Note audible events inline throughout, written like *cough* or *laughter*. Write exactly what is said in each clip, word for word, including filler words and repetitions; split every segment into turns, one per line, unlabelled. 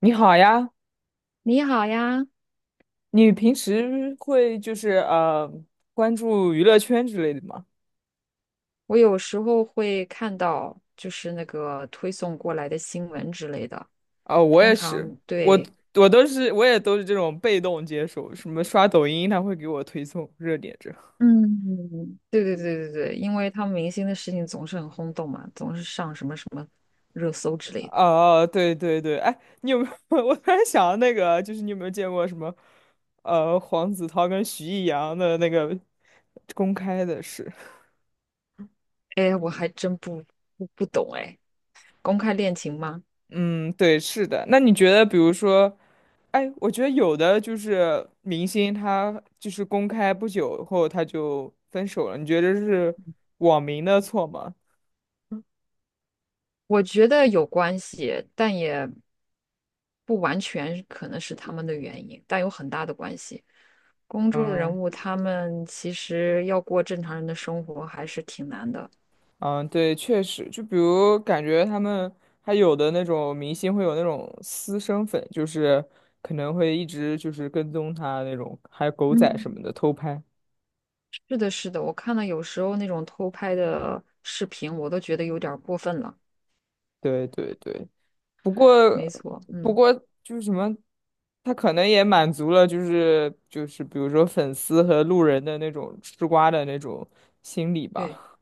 你好呀，
你好呀，
你平时会就是呃关注娱乐圈之类的吗？
我有时候会看到就是那个推送过来的新闻之类的，
啊、我
通
也
常
是，我
对，
我都是我也都是这种被动接受，什么刷抖音，他会给我推送热点这。
嗯，对对对对对，因为他们明星的事情总是很轰动嘛，总是上什么什么热搜之类的。
哦、对对对，哎，你有没有？*laughs* 我突然想到那个，就是你有没有见过什么呃黄子韬跟徐艺洋的那个公开的事？
哎，我还真不不不懂哎，公开恋情吗？
嗯，对，是的。那你觉得，比如说，哎，我觉得有的就是明星，他就是公开不久后他就分手了，你觉得是网民的错吗？
我觉得有关系，但也不完全可能是他们的原因，但有很大的关系。公众人
嗯，
物他们其实要过正常人的生活还是挺难的。
嗯，对，确实，就比如感觉他们还有的那种明星会有那种私生粉，就是可能会一直就是跟踪他那种，还有狗仔什
嗯，
么的偷拍。
是的，是的，我看到有时候那种偷拍的视频，我都觉得有点儿过分了。
对对对。不过，
没错，
不
嗯，
过就是什么，他可能也满足了，就是就是比如说粉丝和路人的那种吃瓜的那种心理
对。
吧。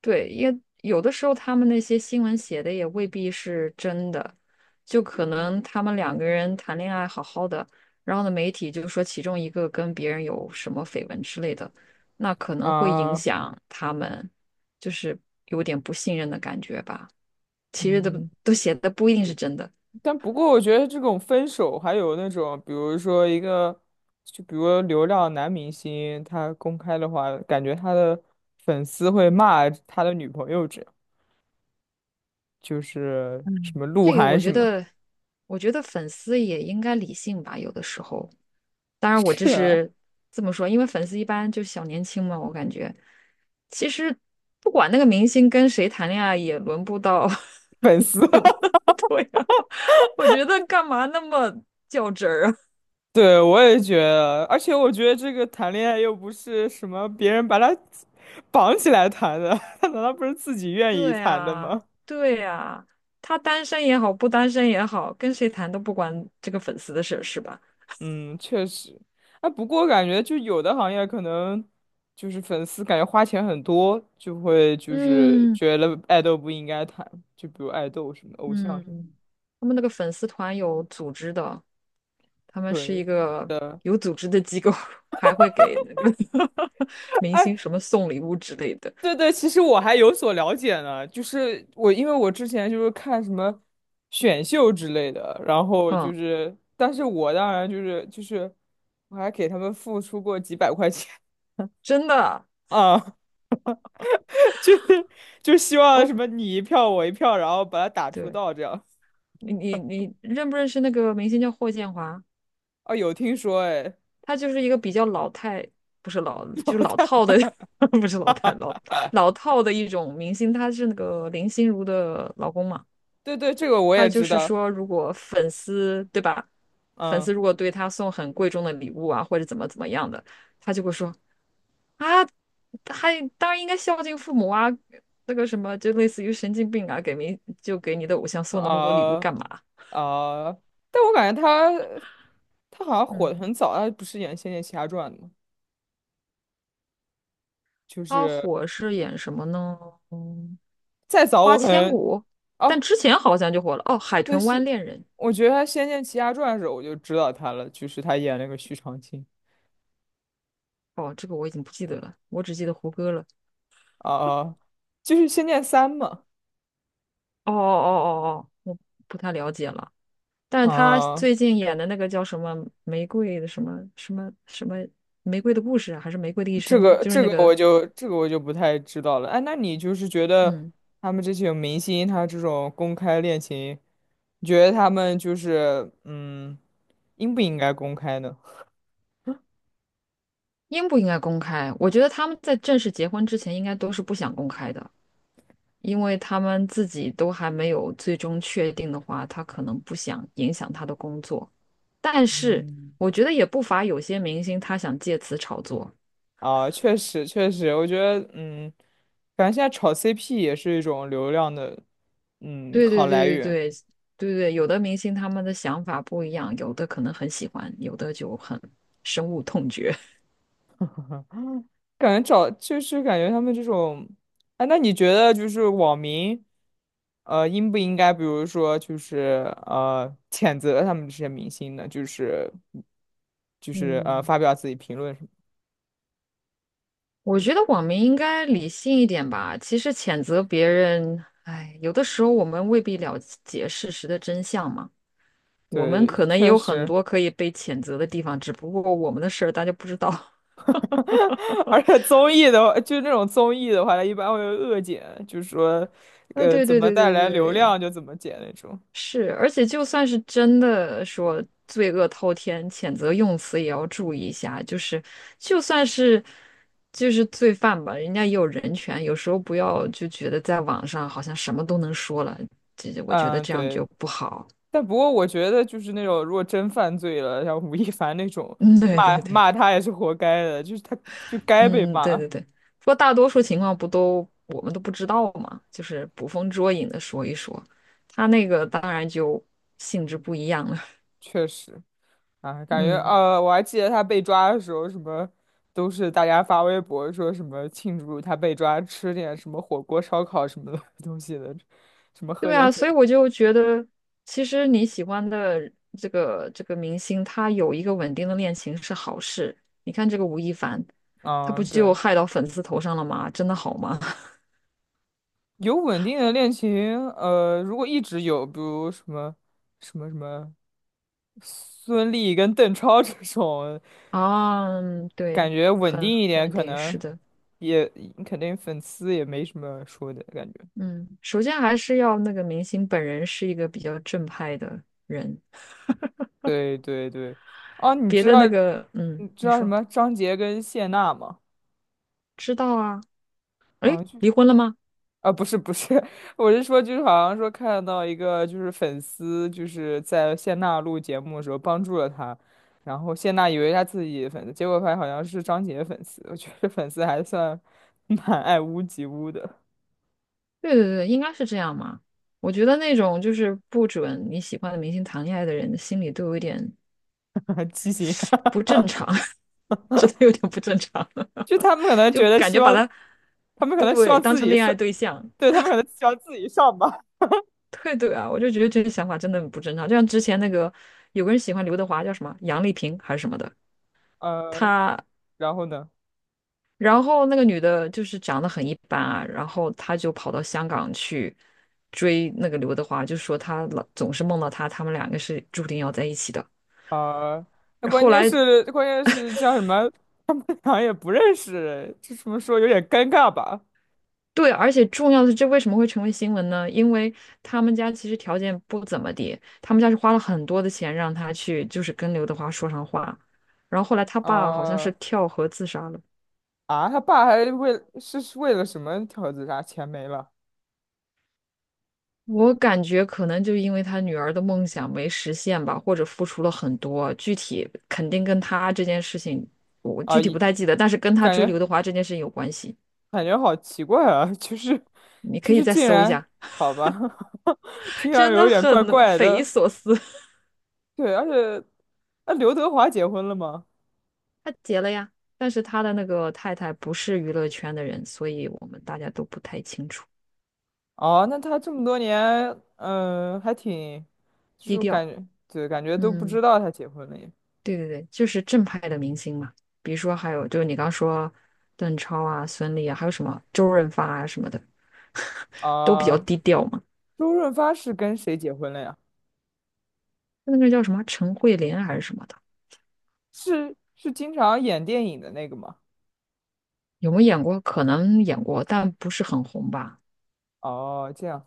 对，因为有的时候他们那些新闻写的也未必是真的，就可能他们两个人谈恋爱好好的，然后呢，媒体就说其中一个跟别人有什么绯闻之类的，那可能会影
啊，
响他们，就是有点不信任的感觉吧。其实都
嗯，
都写的不一定是真的，
但不过我觉得这种分手，还有那种比如说一个，就比如流量男明星，他公开的话，感觉他的粉丝会骂他的女朋友这样，就是什么鹿
这个
晗
我
什
觉
么，
得，我觉得粉丝也应该理性吧，有的时候。当
*laughs*
然，我这
是啊，
是这么说，因为粉丝一般就是小年轻嘛，我感觉其实不管那个明星跟谁谈恋爱，也轮不到，*laughs*
粉
也
丝。
轮不到对呀、我觉得干嘛那么较真儿啊？
对，我也觉得，而且我觉得这个谈恋爱又不是什么别人把他绑起来谈的，*laughs* 他难道不是自己
*laughs*
愿意
对
谈的
呀、
吗？
对呀、他单身也好，不单身也好，跟谁谈都不关这个粉丝的事，是吧？
嗯，确实。啊，不过感觉就有的行业可能就是粉丝感觉花钱很多，就会就是
嗯
觉得爱豆不应该谈，就比如爱豆什么的偶像什么的。
嗯，他们那个粉丝团有组织的，他们是一
对
个
的。
有组织的机构，*laughs* 还会给那个 *laughs* 明星什么送礼物之类的。
对对，其实我还有所了解呢，就是我因为我之前就是看什么选秀之类的，然后就
嗯，
是，但是我当然就是就是我还给他们付出过几百块钱
真的
*laughs* 啊，*laughs* 就是就希望
哦，
什么你一票我一票，然后把它打出
对
道这样。
你你你认不认识那个明星叫霍建华？
啊，有听说哎，
他就是一个比较老太，不是老，就是老套的，*laughs* 不是老太，老老套的一种明星。他是那个林心如的老公嘛。
对对，这个我
他
也
就
知
是
道，
说，如果粉丝，对吧？粉
嗯
丝如果对他送很贵重的礼物啊，或者怎么怎么样的，他就会说啊，还当然应该孝敬父母啊，那个什么，就类似于神经病啊，给明就给你的偶像送那么多礼物
啊
干嘛？
啊，但我感觉他他好像火
嗯，
的很早，他不是演《仙剑奇侠传》的吗？就
他
是
火是演什么呢？嗯，
再早
花
我可
千
能。
骨，但
哦，
之前好像就火了哦，《海
对，
豚湾
是，
恋人》
我觉得他《仙剑奇侠传》的时候我就知道他了，就是他演那个徐长卿
哦，这个我已经不记得了，我只记得胡歌了。
啊，啊就是《仙剑三》嘛。
哦哦哦哦哦，我不太了解了。但是他
啊，
最近演的那个叫什么玫瑰的什么什么什么玫瑰的故事啊还是玫瑰的一
这
生，
个
就是
这
那
个
个，
我就这个我就不太知道了。哎，那你就是觉得
嗯，
他们这些明星，他这种公开恋情，你觉得他们就是嗯，应不应该公开呢？
应不应该公开？我觉得他们在正式结婚之前，应该都是不想公开的，因为他们自己都还没有最终确定的话，他可能不想影响他的工作。但是
嗯，
我觉得也不乏有些明星他想借此炒作。
啊，确实确实，我觉得嗯，反正现在炒 C P 也是一种流量的嗯
对
好
对对
来
对
源。
对对对，有的明星他们的想法不一样，有的可能很喜欢，有的就很深恶痛绝。
感觉找就是感觉他们这种，哎，那你觉得就是网民，呃，应不应该，比如说就是呃，谴责他们这些明星呢？就是就是呃，
嗯，
发表自己评论什么？
我觉得网民应该理性一点吧。其实谴责别人，哎，有的时候我们未必了解事实的真相嘛。我们
对，
可能也
确
有很
实，
多可以被谴责的地方，只不过我们的事儿大家不知道。*laughs*
*laughs* 而且综艺的话，就那种综艺的话，它一般会有恶剪，就是说，
啊，
呃，
对
怎
对
么
对
带
对
来流
对，
量就怎么剪那种。
是，而且就算是真的说罪恶滔天，谴责用词也要注意一下。就是，就算是就是罪犯吧，人家也有人权，有时候不要就觉得在网上好像什么都能说了，这这我觉得
嗯，
这样
对。
就不好。
但不过我觉得就是那种如果真犯罪了，像吴亦凡那种，
嗯，*laughs* 对
骂
对对，
骂他也是活该的，就是他就该被
嗯，对
骂，
对对。不过大多数情况不都我们都不知道嘛，就是捕风捉影的说一说，他那个当然就性质不一样了。
确实啊，
*laughs*
感觉
嗯。
呃，我还记得他被抓的时候，什么都是大家发微博说什么庆祝他被抓，吃点什么火锅、烧烤什么的 *laughs* 东西的，什么喝
对
点
啊，
酒，
所以我就觉得，其实你喜欢的这个这个明星，他有一个稳定的恋情是好事。你看这个吴亦凡，他
啊。
不就
对，
害到粉丝头上了吗？真的好吗？
有稳定的恋情，呃，如果一直有，比如什么什么什么孙俪跟邓超 *laughs* 这种。
*laughs* 啊，嗯
感
对，
觉稳定
很
一
很
点，
稳
可
定，
能
是的，
也肯定粉丝也没什么说的感觉。
嗯，首先还是要那个明星本人是一个比较正派的人，
对对对，哦，你
别
知
的
道
那个，嗯，
你知
你
道什
说
么张杰跟谢娜吗？
知道啊？
啊，
诶，
就
离婚了吗？
啊，不是不是，*laughs* 我是说就是好像说看到一个就是粉丝就是在谢娜录节目的时候帮助了她，然后谢娜以为她自己的粉丝，结果发现好像是张杰粉丝。我觉得粉丝还算蛮爱屋及乌的，
对对对，应该是这样嘛。我觉得那种就是不准你喜欢的明星谈恋爱的人，心里都有一点
*laughs* 畸形。*laughs*
不正常，*laughs* 真的有点不正常，
就他
*laughs*
们可能
就
觉得
感
希
觉把
望，
他
他们可能希
对
望
当
自
成
己
恋爱
是。
对象。
对，他们可能喜欢自己上吧。
对对啊，我就觉得这个想法真的很不正常。就像之前那个有个人喜欢刘德华，叫什么杨丽萍还是什么的，
*laughs* 呃，
他
然后呢？
然后那个女的就是长得很一般啊，然后她就跑到香港去追那个刘德华，就说她老总是梦到他，他们两个是注定要在一起的。
啊，那关
后
键
来，
是关键是叫什么？他们俩也不认识，这怎么说有点尴尬吧？
对，而且重要的是，这为什么会成为新闻呢？因为他们家其实条件不怎么地，他们家是花了很多的钱让他去，就是跟刘德华说上话。然后后来他爸好像是
啊
跳河自杀了。
啊，他爸还为是是为了什么条自杀？钱没了
我感觉可能就因为他女儿的梦想没实现吧，或者付出了很多，具体肯定跟他这件事情，我
啊？
具体
一
不太记得，但是跟他
感
追刘
觉
德华这件事情有关系。
感觉好奇怪啊，就是
你
就
可以
是
再
竟
搜一
然
下，
好吧，*laughs* 听
*laughs*
上去
真
有
的
点怪
很
怪
匪夷
的。
所思。*laughs*
对，而且那刘德华结婚了吗？
他结了呀，但是他的那个太太不是娱乐圈的人，所以我们大家都不太清楚，
哦，那他这么多年，嗯、还挺。就
低
是
调。
感觉，对，感觉都不
嗯。
知道他结婚了耶。
对对对，就是正派的明星嘛，比如说还有就是你刚说邓超啊、孙俪啊，还有什么周润发啊什么的，*laughs* 都比较
啊、
低调嘛。
周润发是跟谁结婚了呀？
那个叫什么陈慧琳还是什么的，
是是经常演电影的那个吗？
有没有演过？可能演过，但不是很红吧。
哦，这样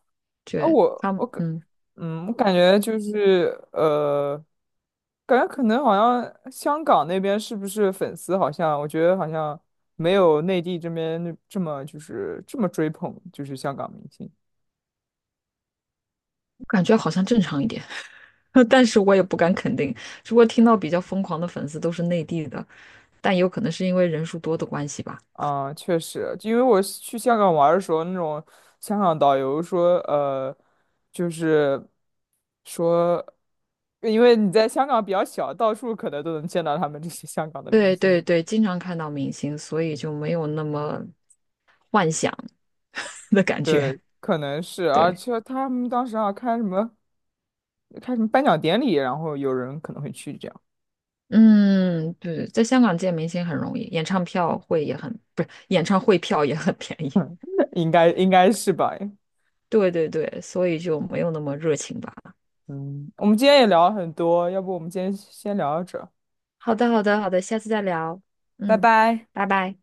啊，
对，
我
他
我
们，
感，
嗯，
嗯，我感觉就是呃，感觉可能好像香港那边是不是粉丝好像，我觉得好像没有内地这边那这么就是这么追捧，就是香港明星。
感觉好像正常一点，*laughs* 但是我也不敢肯定。如果听到比较疯狂的粉丝都是内地的，但有可能是因为人数多的关系吧。
啊，确实，因为我是去香港玩儿的时候，那种香港导游说，呃，就是说，因为你在香港比较小，到处可能都能见到他们这些香港的明
对
星。
对对，经常看到明星，所以就没有那么幻想。*laughs* 的感觉。
对，可能是，而
对，
且他们当时啊开什么开什么颁奖典礼，然后有人可能会去这样，
嗯，对，在香港见明星很容易，演唱票会也很，不是，演唱会票也很便宜。
*laughs* 应该应该是吧？
*laughs* 对对对，所以就没有那么热情吧。
嗯，我们今天也聊了很多，要不我们今天先聊到这儿
好的，好的，好的，下次再聊。
拜
嗯，
拜。
拜拜。